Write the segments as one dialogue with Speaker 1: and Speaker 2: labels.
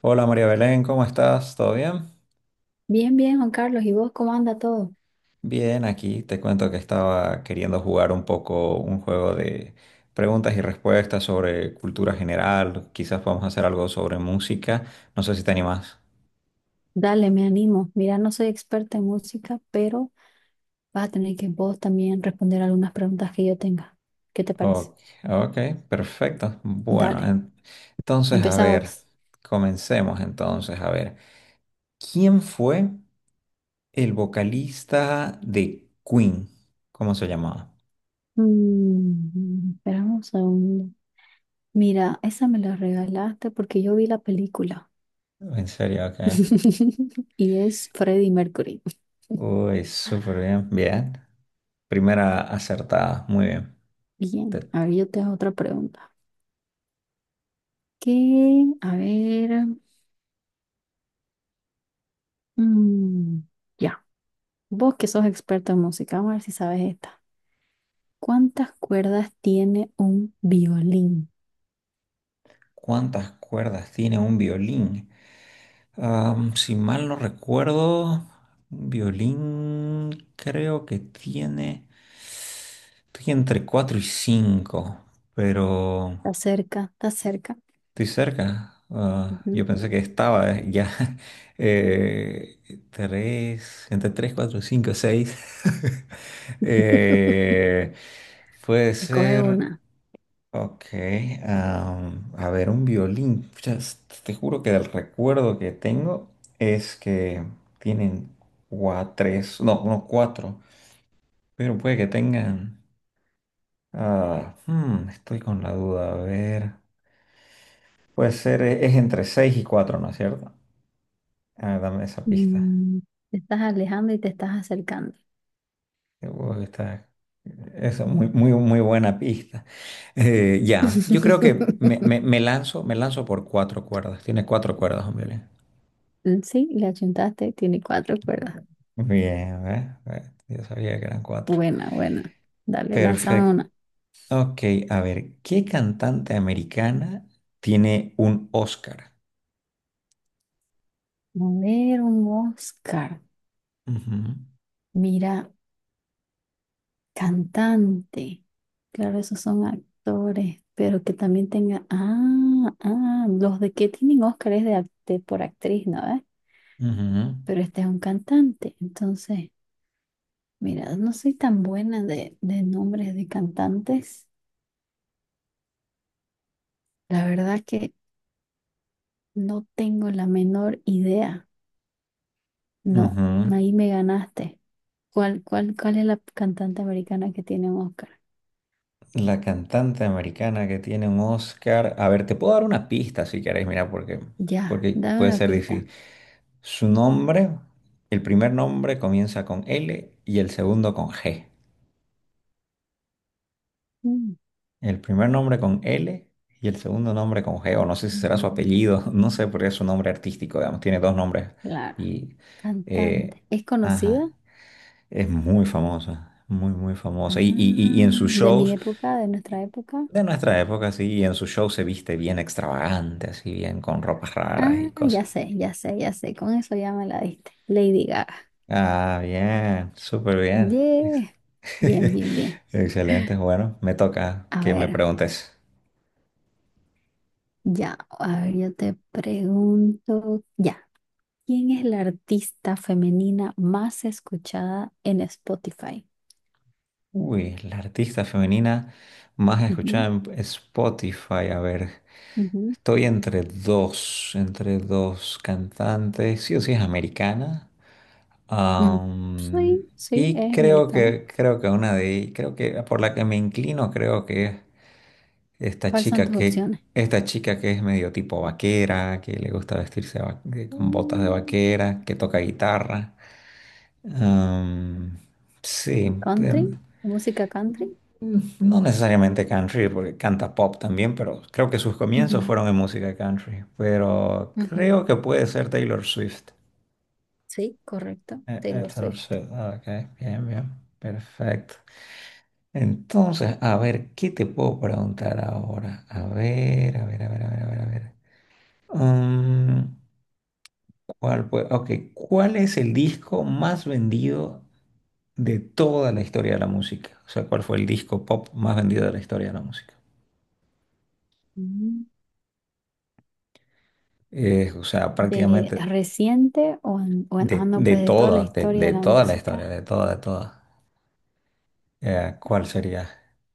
Speaker 1: Hola María Belén, ¿cómo estás? ¿Todo bien?
Speaker 2: Bien, bien, Juan Carlos. ¿Y vos cómo anda todo?
Speaker 1: Bien, aquí te cuento que estaba queriendo jugar un poco un juego de preguntas y respuestas sobre cultura general. Quizás podamos hacer algo sobre música. No sé si te animas.
Speaker 2: Dale, me animo. Mira, no soy experta en música, pero vas a tener que vos también responder algunas preguntas que yo tenga. ¿Qué te parece?
Speaker 1: Ok, ok, perfecto. Bueno,
Speaker 2: Dale,
Speaker 1: entonces a ver,
Speaker 2: empezamos.
Speaker 1: comencemos entonces a ver. ¿Quién fue el vocalista de Queen? ¿Cómo se llamaba?
Speaker 2: Mm, esperamos un segundo. Mira, esa me la regalaste porque yo vi la película.
Speaker 1: En serio, ok.
Speaker 2: Y es Freddie Mercury.
Speaker 1: Uy, súper bien, bien. Primera acertada, muy bien.
Speaker 2: Bien,
Speaker 1: Te-
Speaker 2: a ver, yo te hago otra pregunta. ¿Qué? A ver. mm, ya, Vos que sos experto en música, vamos a ver si sabes esto. ¿Cuántas cuerdas tiene un violín?
Speaker 1: ¿Cuántas cuerdas tiene un violín? Si mal no recuerdo, un violín creo que tiene, estoy entre 4 y 5, pero...
Speaker 2: Está cerca, está cerca.
Speaker 1: Estoy cerca. Ah,
Speaker 2: Ujú.
Speaker 1: yo pensé que estaba ya. Eh, tres, entre tres, cuatro, cinco, seis. Eh, puede
Speaker 2: Escoge
Speaker 1: ser.
Speaker 2: una.
Speaker 1: Ok. A ver, un violín. Pucha, te juro que el recuerdo que tengo es que tienen cuatro, tres, no, no, cuatro. Pero puede que tengan. Ah, hmm, estoy con la duda. A ver. Puede ser, es entre seis y cuatro, ¿no es cierto? Ah, dame esa pista.
Speaker 2: Mm, te estás alejando y te estás acercando.
Speaker 1: Uy, está- Eso, muy, muy, muy buena pista. Ya, yo creo que me lanzo por cuatro cuerdas. Tiene cuatro cuerdas, hombre.
Speaker 2: Mm, sí, le achuntaste, tiene cuatro cuerdas.
Speaker 1: Bien, ¿eh? Yo sabía que eran cuatro.
Speaker 2: Buena, buena. Dale, lánzame una.
Speaker 1: Perfecto.
Speaker 2: A
Speaker 1: Ok, a ver, ¿qué cantante americana tiene un Oscar?
Speaker 2: ver, un Oscar.
Speaker 1: Ujú,
Speaker 2: Mira, cantante. Claro, esos son actores, pero que también tenga. Ah, ah, los de que tienen Oscar es de por actriz, ¿no?
Speaker 1: ujú,
Speaker 2: Pero este es un cantante. Entonces, mira, no soy tan buena de nombres de cantantes. La verdad que no tengo la menor idea. No,
Speaker 1: ujú.
Speaker 2: ahí me ganaste. ¿Cuál es la cantante americana que tiene un Oscar?
Speaker 1: La cantante americana que tiene un Oscar. A ver, te puedo dar una pista si querés, mira, porque,
Speaker 2: Ya,
Speaker 1: porque
Speaker 2: dame
Speaker 1: puede
Speaker 2: una
Speaker 1: ser
Speaker 2: pista.
Speaker 1: difícil. Su nombre, el primer nombre comienza con L y el segundo con G.
Speaker 2: Mm,
Speaker 1: El primer nombre con L y el segundo nombre con G, o no sé si será su apellido, no sé
Speaker 2: mm,
Speaker 1: por qué es su nombre artístico, digamos, tiene dos nombres.
Speaker 2: claro,
Speaker 1: Y, eh,
Speaker 2: cantante. ¿Es conocida?
Speaker 1: ajá, es muy famosa, muy, muy famosa. Y, y,
Speaker 2: Ah,
Speaker 1: y y en sus
Speaker 2: de mi
Speaker 1: shows,
Speaker 2: época, de nuestra época.
Speaker 1: de nuestra época, sí, y en sus shows se viste bien extravagante, así bien con ropas raras y
Speaker 2: Ah,
Speaker 1: cosas.
Speaker 2: ya sé, ya sé, ya sé. Con eso ya me la diste. Lady Gaga.
Speaker 1: Ah, bien, súper bien.
Speaker 2: Yeah. Bien, bien, bien.
Speaker 1: Excelente, bueno, me toca
Speaker 2: A
Speaker 1: que me
Speaker 2: ver,
Speaker 1: preguntes.
Speaker 2: ya, a ver, yo te pregunto, ya, ¿quién es la artista femenina más escuchada en Spotify?
Speaker 1: Uy, la artista femenina más escuchada
Speaker 2: Ujú,
Speaker 1: en Spotify. A ver,
Speaker 2: ujú.
Speaker 1: estoy entre dos cantantes. Sí o sí es americana.
Speaker 2: Mm,
Speaker 1: Am,
Speaker 2: sí, sí,
Speaker 1: y
Speaker 2: es americana.
Speaker 1: creo que una de, creo que por la que me inclino, creo que es
Speaker 2: ¿Cuáles son tus opciones?
Speaker 1: esta chica que es medio tipo vaquera, que le gusta vestirse con botas de
Speaker 2: Mm,
Speaker 1: vaquera, que toca guitarra. Am, sí,
Speaker 2: ¿country?
Speaker 1: em,
Speaker 2: ¿Música country?
Speaker 1: no necesariamente country, porque canta pop también, pero creo que sus comienzos
Speaker 2: Ujú,
Speaker 1: fueron en música country. Pero
Speaker 2: ujú.
Speaker 1: creo que puede ser Taylor Swift.
Speaker 2: Sí, correcto. Taylor
Speaker 1: Taylor
Speaker 2: Swift.
Speaker 1: Swift, ah, ok, bien, bien, perfecto. Entonces, a ver, ¿qué te puedo preguntar ahora? A ver, a ver, a ver, a ver, a ver, a ver. Mm, ok, ¿cuál es el disco más vendido de toda la historia de la música? O sea, ¿cuál fue el disco pop más vendido de la historia de la música?
Speaker 2: Mm.
Speaker 1: O sea,
Speaker 2: ¿De
Speaker 1: prácticamente
Speaker 2: reciente o, ah, no, pues de toda la historia
Speaker 1: de
Speaker 2: de la
Speaker 1: toda la historia,
Speaker 2: música?
Speaker 1: de toda, de toda. ¿Cuál sería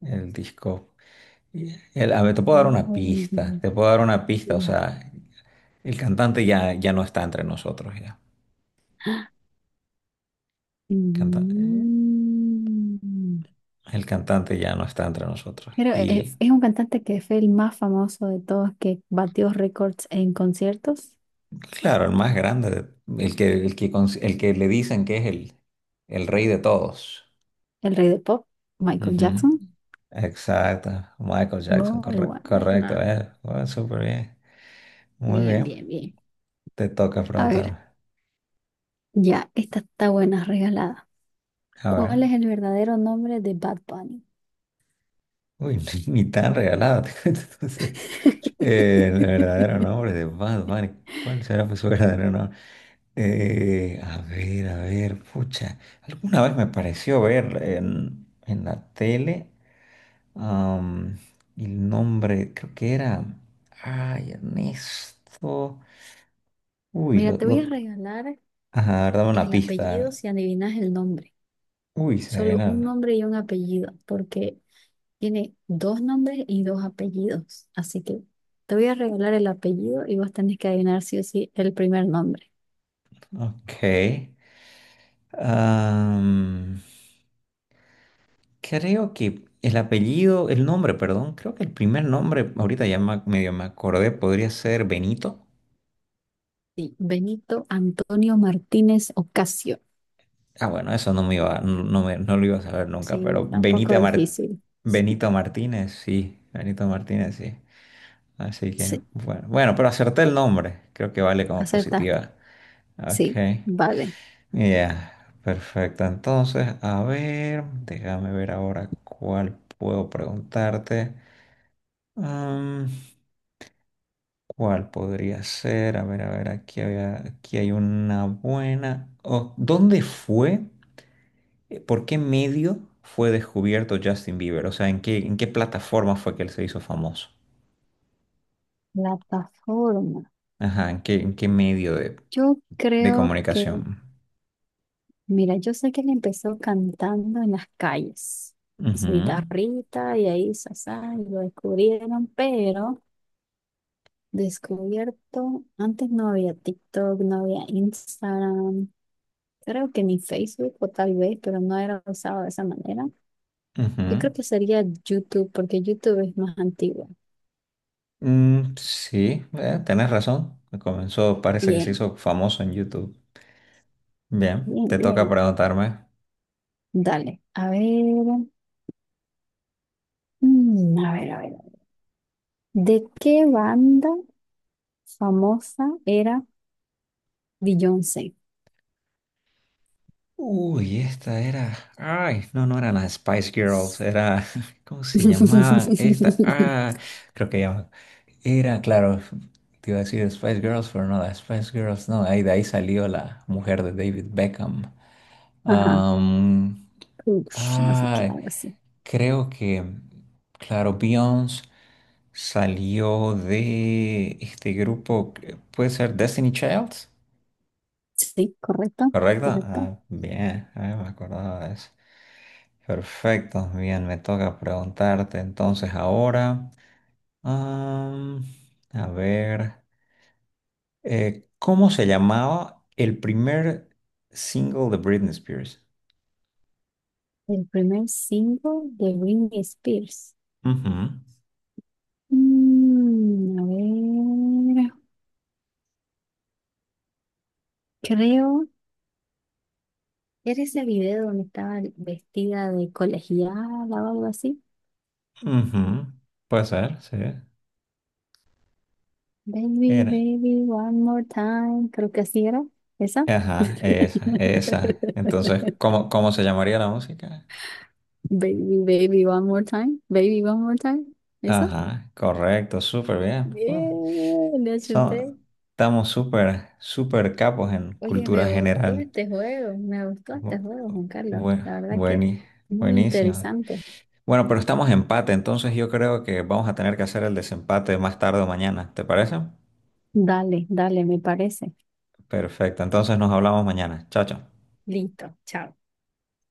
Speaker 1: el disco? A ver, te puedo dar
Speaker 2: Una
Speaker 1: una pista,
Speaker 2: vendida.
Speaker 1: te puedo dar una pista. O
Speaker 2: Ya.
Speaker 1: sea, el cantante ya, ya no está entre nosotros, ya. Canta- eh,
Speaker 2: Mm.
Speaker 1: el cantante ya no está entre nosotros.
Speaker 2: Creo
Speaker 1: Y
Speaker 2: es un cantante que fue el más famoso de todos, que batió récords en conciertos,
Speaker 1: claro, el más grande, el que, el que, el que le dicen que es el rey de todos.
Speaker 2: el rey del pop, Michael
Speaker 1: Ujú.
Speaker 2: Jackson.
Speaker 1: Exacto, Michael Jackson,
Speaker 2: Muy
Speaker 1: correcto,
Speaker 2: buena.
Speaker 1: eh. Bueno, súper bien, muy
Speaker 2: Bien,
Speaker 1: bien,
Speaker 2: bien, bien.
Speaker 1: te toca
Speaker 2: A ver,
Speaker 1: preguntarme,
Speaker 2: ya, esta está buena, regalada.
Speaker 1: a
Speaker 2: ¿Cuál
Speaker 1: ver,
Speaker 2: es el verdadero nombre de Bad Bunny?
Speaker 1: uy, ni, ni tan regalado. Entonces, el verdadero nombre de Bad Bunny, ¿cuál será pues, su verdadero nombre? A ver, pucha, alguna vez me pareció ver en la tele am, el nombre, creo que era, ay, Ernesto, uy,
Speaker 2: Mira, te voy a
Speaker 1: lo
Speaker 2: regalar
Speaker 1: ajá, a ver, dame una
Speaker 2: el apellido
Speaker 1: pista.
Speaker 2: si adivinas el nombre.
Speaker 1: Uy, se
Speaker 2: Solo un
Speaker 1: vienen.
Speaker 2: nombre y un apellido, porque tiene dos nombres y dos apellidos, así que te voy a regalar el apellido y vos tenés que adivinar sí o sí el primer nombre.
Speaker 1: Ok. Am, creo que el apellido, el nombre, perdón, creo que el primer nombre, ahorita medio me acordé, podría ser Benito.
Speaker 2: Sí, Benito Antonio Martínez Ocasio.
Speaker 1: Ah, bueno, eso no me iba, no, no lo iba a saber nunca,
Speaker 2: Sí,
Speaker 1: pero
Speaker 2: está un poco difícil.
Speaker 1: Benito Martínez, sí, Benito Martínez, sí. Así que,
Speaker 2: Sí,
Speaker 1: bueno, bueno, pero acerté el nombre, creo que vale como
Speaker 2: acertaste.
Speaker 1: positiva. Ok.
Speaker 2: Sí, vale.
Speaker 1: Ya, perfecto. Entonces, a ver, déjame ver ahora cuál puedo preguntarte. Mm, ¿cuál podría ser? A ver, aquí había, aquí hay una buena. Oh, ¿dónde fue? ¿Por qué medio fue descubierto Justin Bieber? O sea, en qué plataforma fue que él se hizo famoso?
Speaker 2: Plataforma.
Speaker 1: Ajá, en qué medio
Speaker 2: Yo
Speaker 1: de
Speaker 2: creo que,
Speaker 1: comunicación?
Speaker 2: mira, yo sé que él empezó cantando en las calles con
Speaker 1: Ujú,
Speaker 2: su guitarrita y ahí, sasá, y lo descubrieron, pero descubierto, antes no había TikTok, no había Instagram, creo que ni Facebook o tal vez, pero no era usado de esa manera. Yo
Speaker 1: ujú.
Speaker 2: creo que sería YouTube, porque YouTube es más antiguo.
Speaker 1: Mm, sí, tenés razón. Comenzó, parece que se
Speaker 2: Bien,
Speaker 1: hizo famoso en YouTube. Bien,
Speaker 2: bien,
Speaker 1: te toca
Speaker 2: bien.
Speaker 1: preguntarme.
Speaker 2: Dale, a ver, a ver. ¿De qué banda famosa era Beyoncé?
Speaker 1: Uy, esta era. Ay, no, no eran las Spice Girls, era. ¿Cómo se llamaban? Esta. Ah, creo que llaman. Era, claro, te iba a decir Spice Girls, pero no, las Spice Girls, no. Ahí, de ahí salió la mujer de David Beckham.
Speaker 2: Ajá,
Speaker 1: Am,
Speaker 2: ush, no sé qué,
Speaker 1: ah,
Speaker 2: algo así.
Speaker 1: creo que. Claro, Beyoncé. Salió de este grupo, puede ser Destiny Child,
Speaker 2: Sí, correcto,
Speaker 1: ¿correcto?
Speaker 2: correcto.
Speaker 1: Ah, bien, ah, me acordaba de eso. Perfecto, bien, me toca preguntarte entonces ahora. am, a ver, ¿cómo se llamaba el primer single de Britney Spears?
Speaker 2: El primer single de Britney Spears.
Speaker 1: Ujú,
Speaker 2: Mm, a ver, creo que era ese video donde estaba vestida de colegiala o algo así.
Speaker 1: ujú, puede ser, sí.
Speaker 2: Baby,
Speaker 1: Era.
Speaker 2: baby, one more time. Creo que así era. ¿Esa?
Speaker 1: Ajá, esa, esa. Entonces, ¿cómo, cómo se llamaría la música?
Speaker 2: Baby, baby, one more time. Baby, one more time. ¿Eso?
Speaker 1: Ajá, correcto, súper bien. Pues,
Speaker 2: Bien, le achunté.
Speaker 1: son- estamos súper, súper capos en
Speaker 2: Oye, me
Speaker 1: cultura
Speaker 2: gustó
Speaker 1: general.
Speaker 2: este juego. Me gustó este
Speaker 1: Bu-
Speaker 2: juego, Juan Carlos.
Speaker 1: bu-
Speaker 2: La verdad que
Speaker 1: bueni-
Speaker 2: muy
Speaker 1: buenísimo.
Speaker 2: interesante.
Speaker 1: Bueno, pero estamos empate, entonces yo creo que vamos a tener que hacer el desempate más tarde o mañana, ¿te parece?
Speaker 2: Dale, dale, me parece.
Speaker 1: Perfecto, entonces nos hablamos mañana. Chao, chao.
Speaker 2: Listo, chao.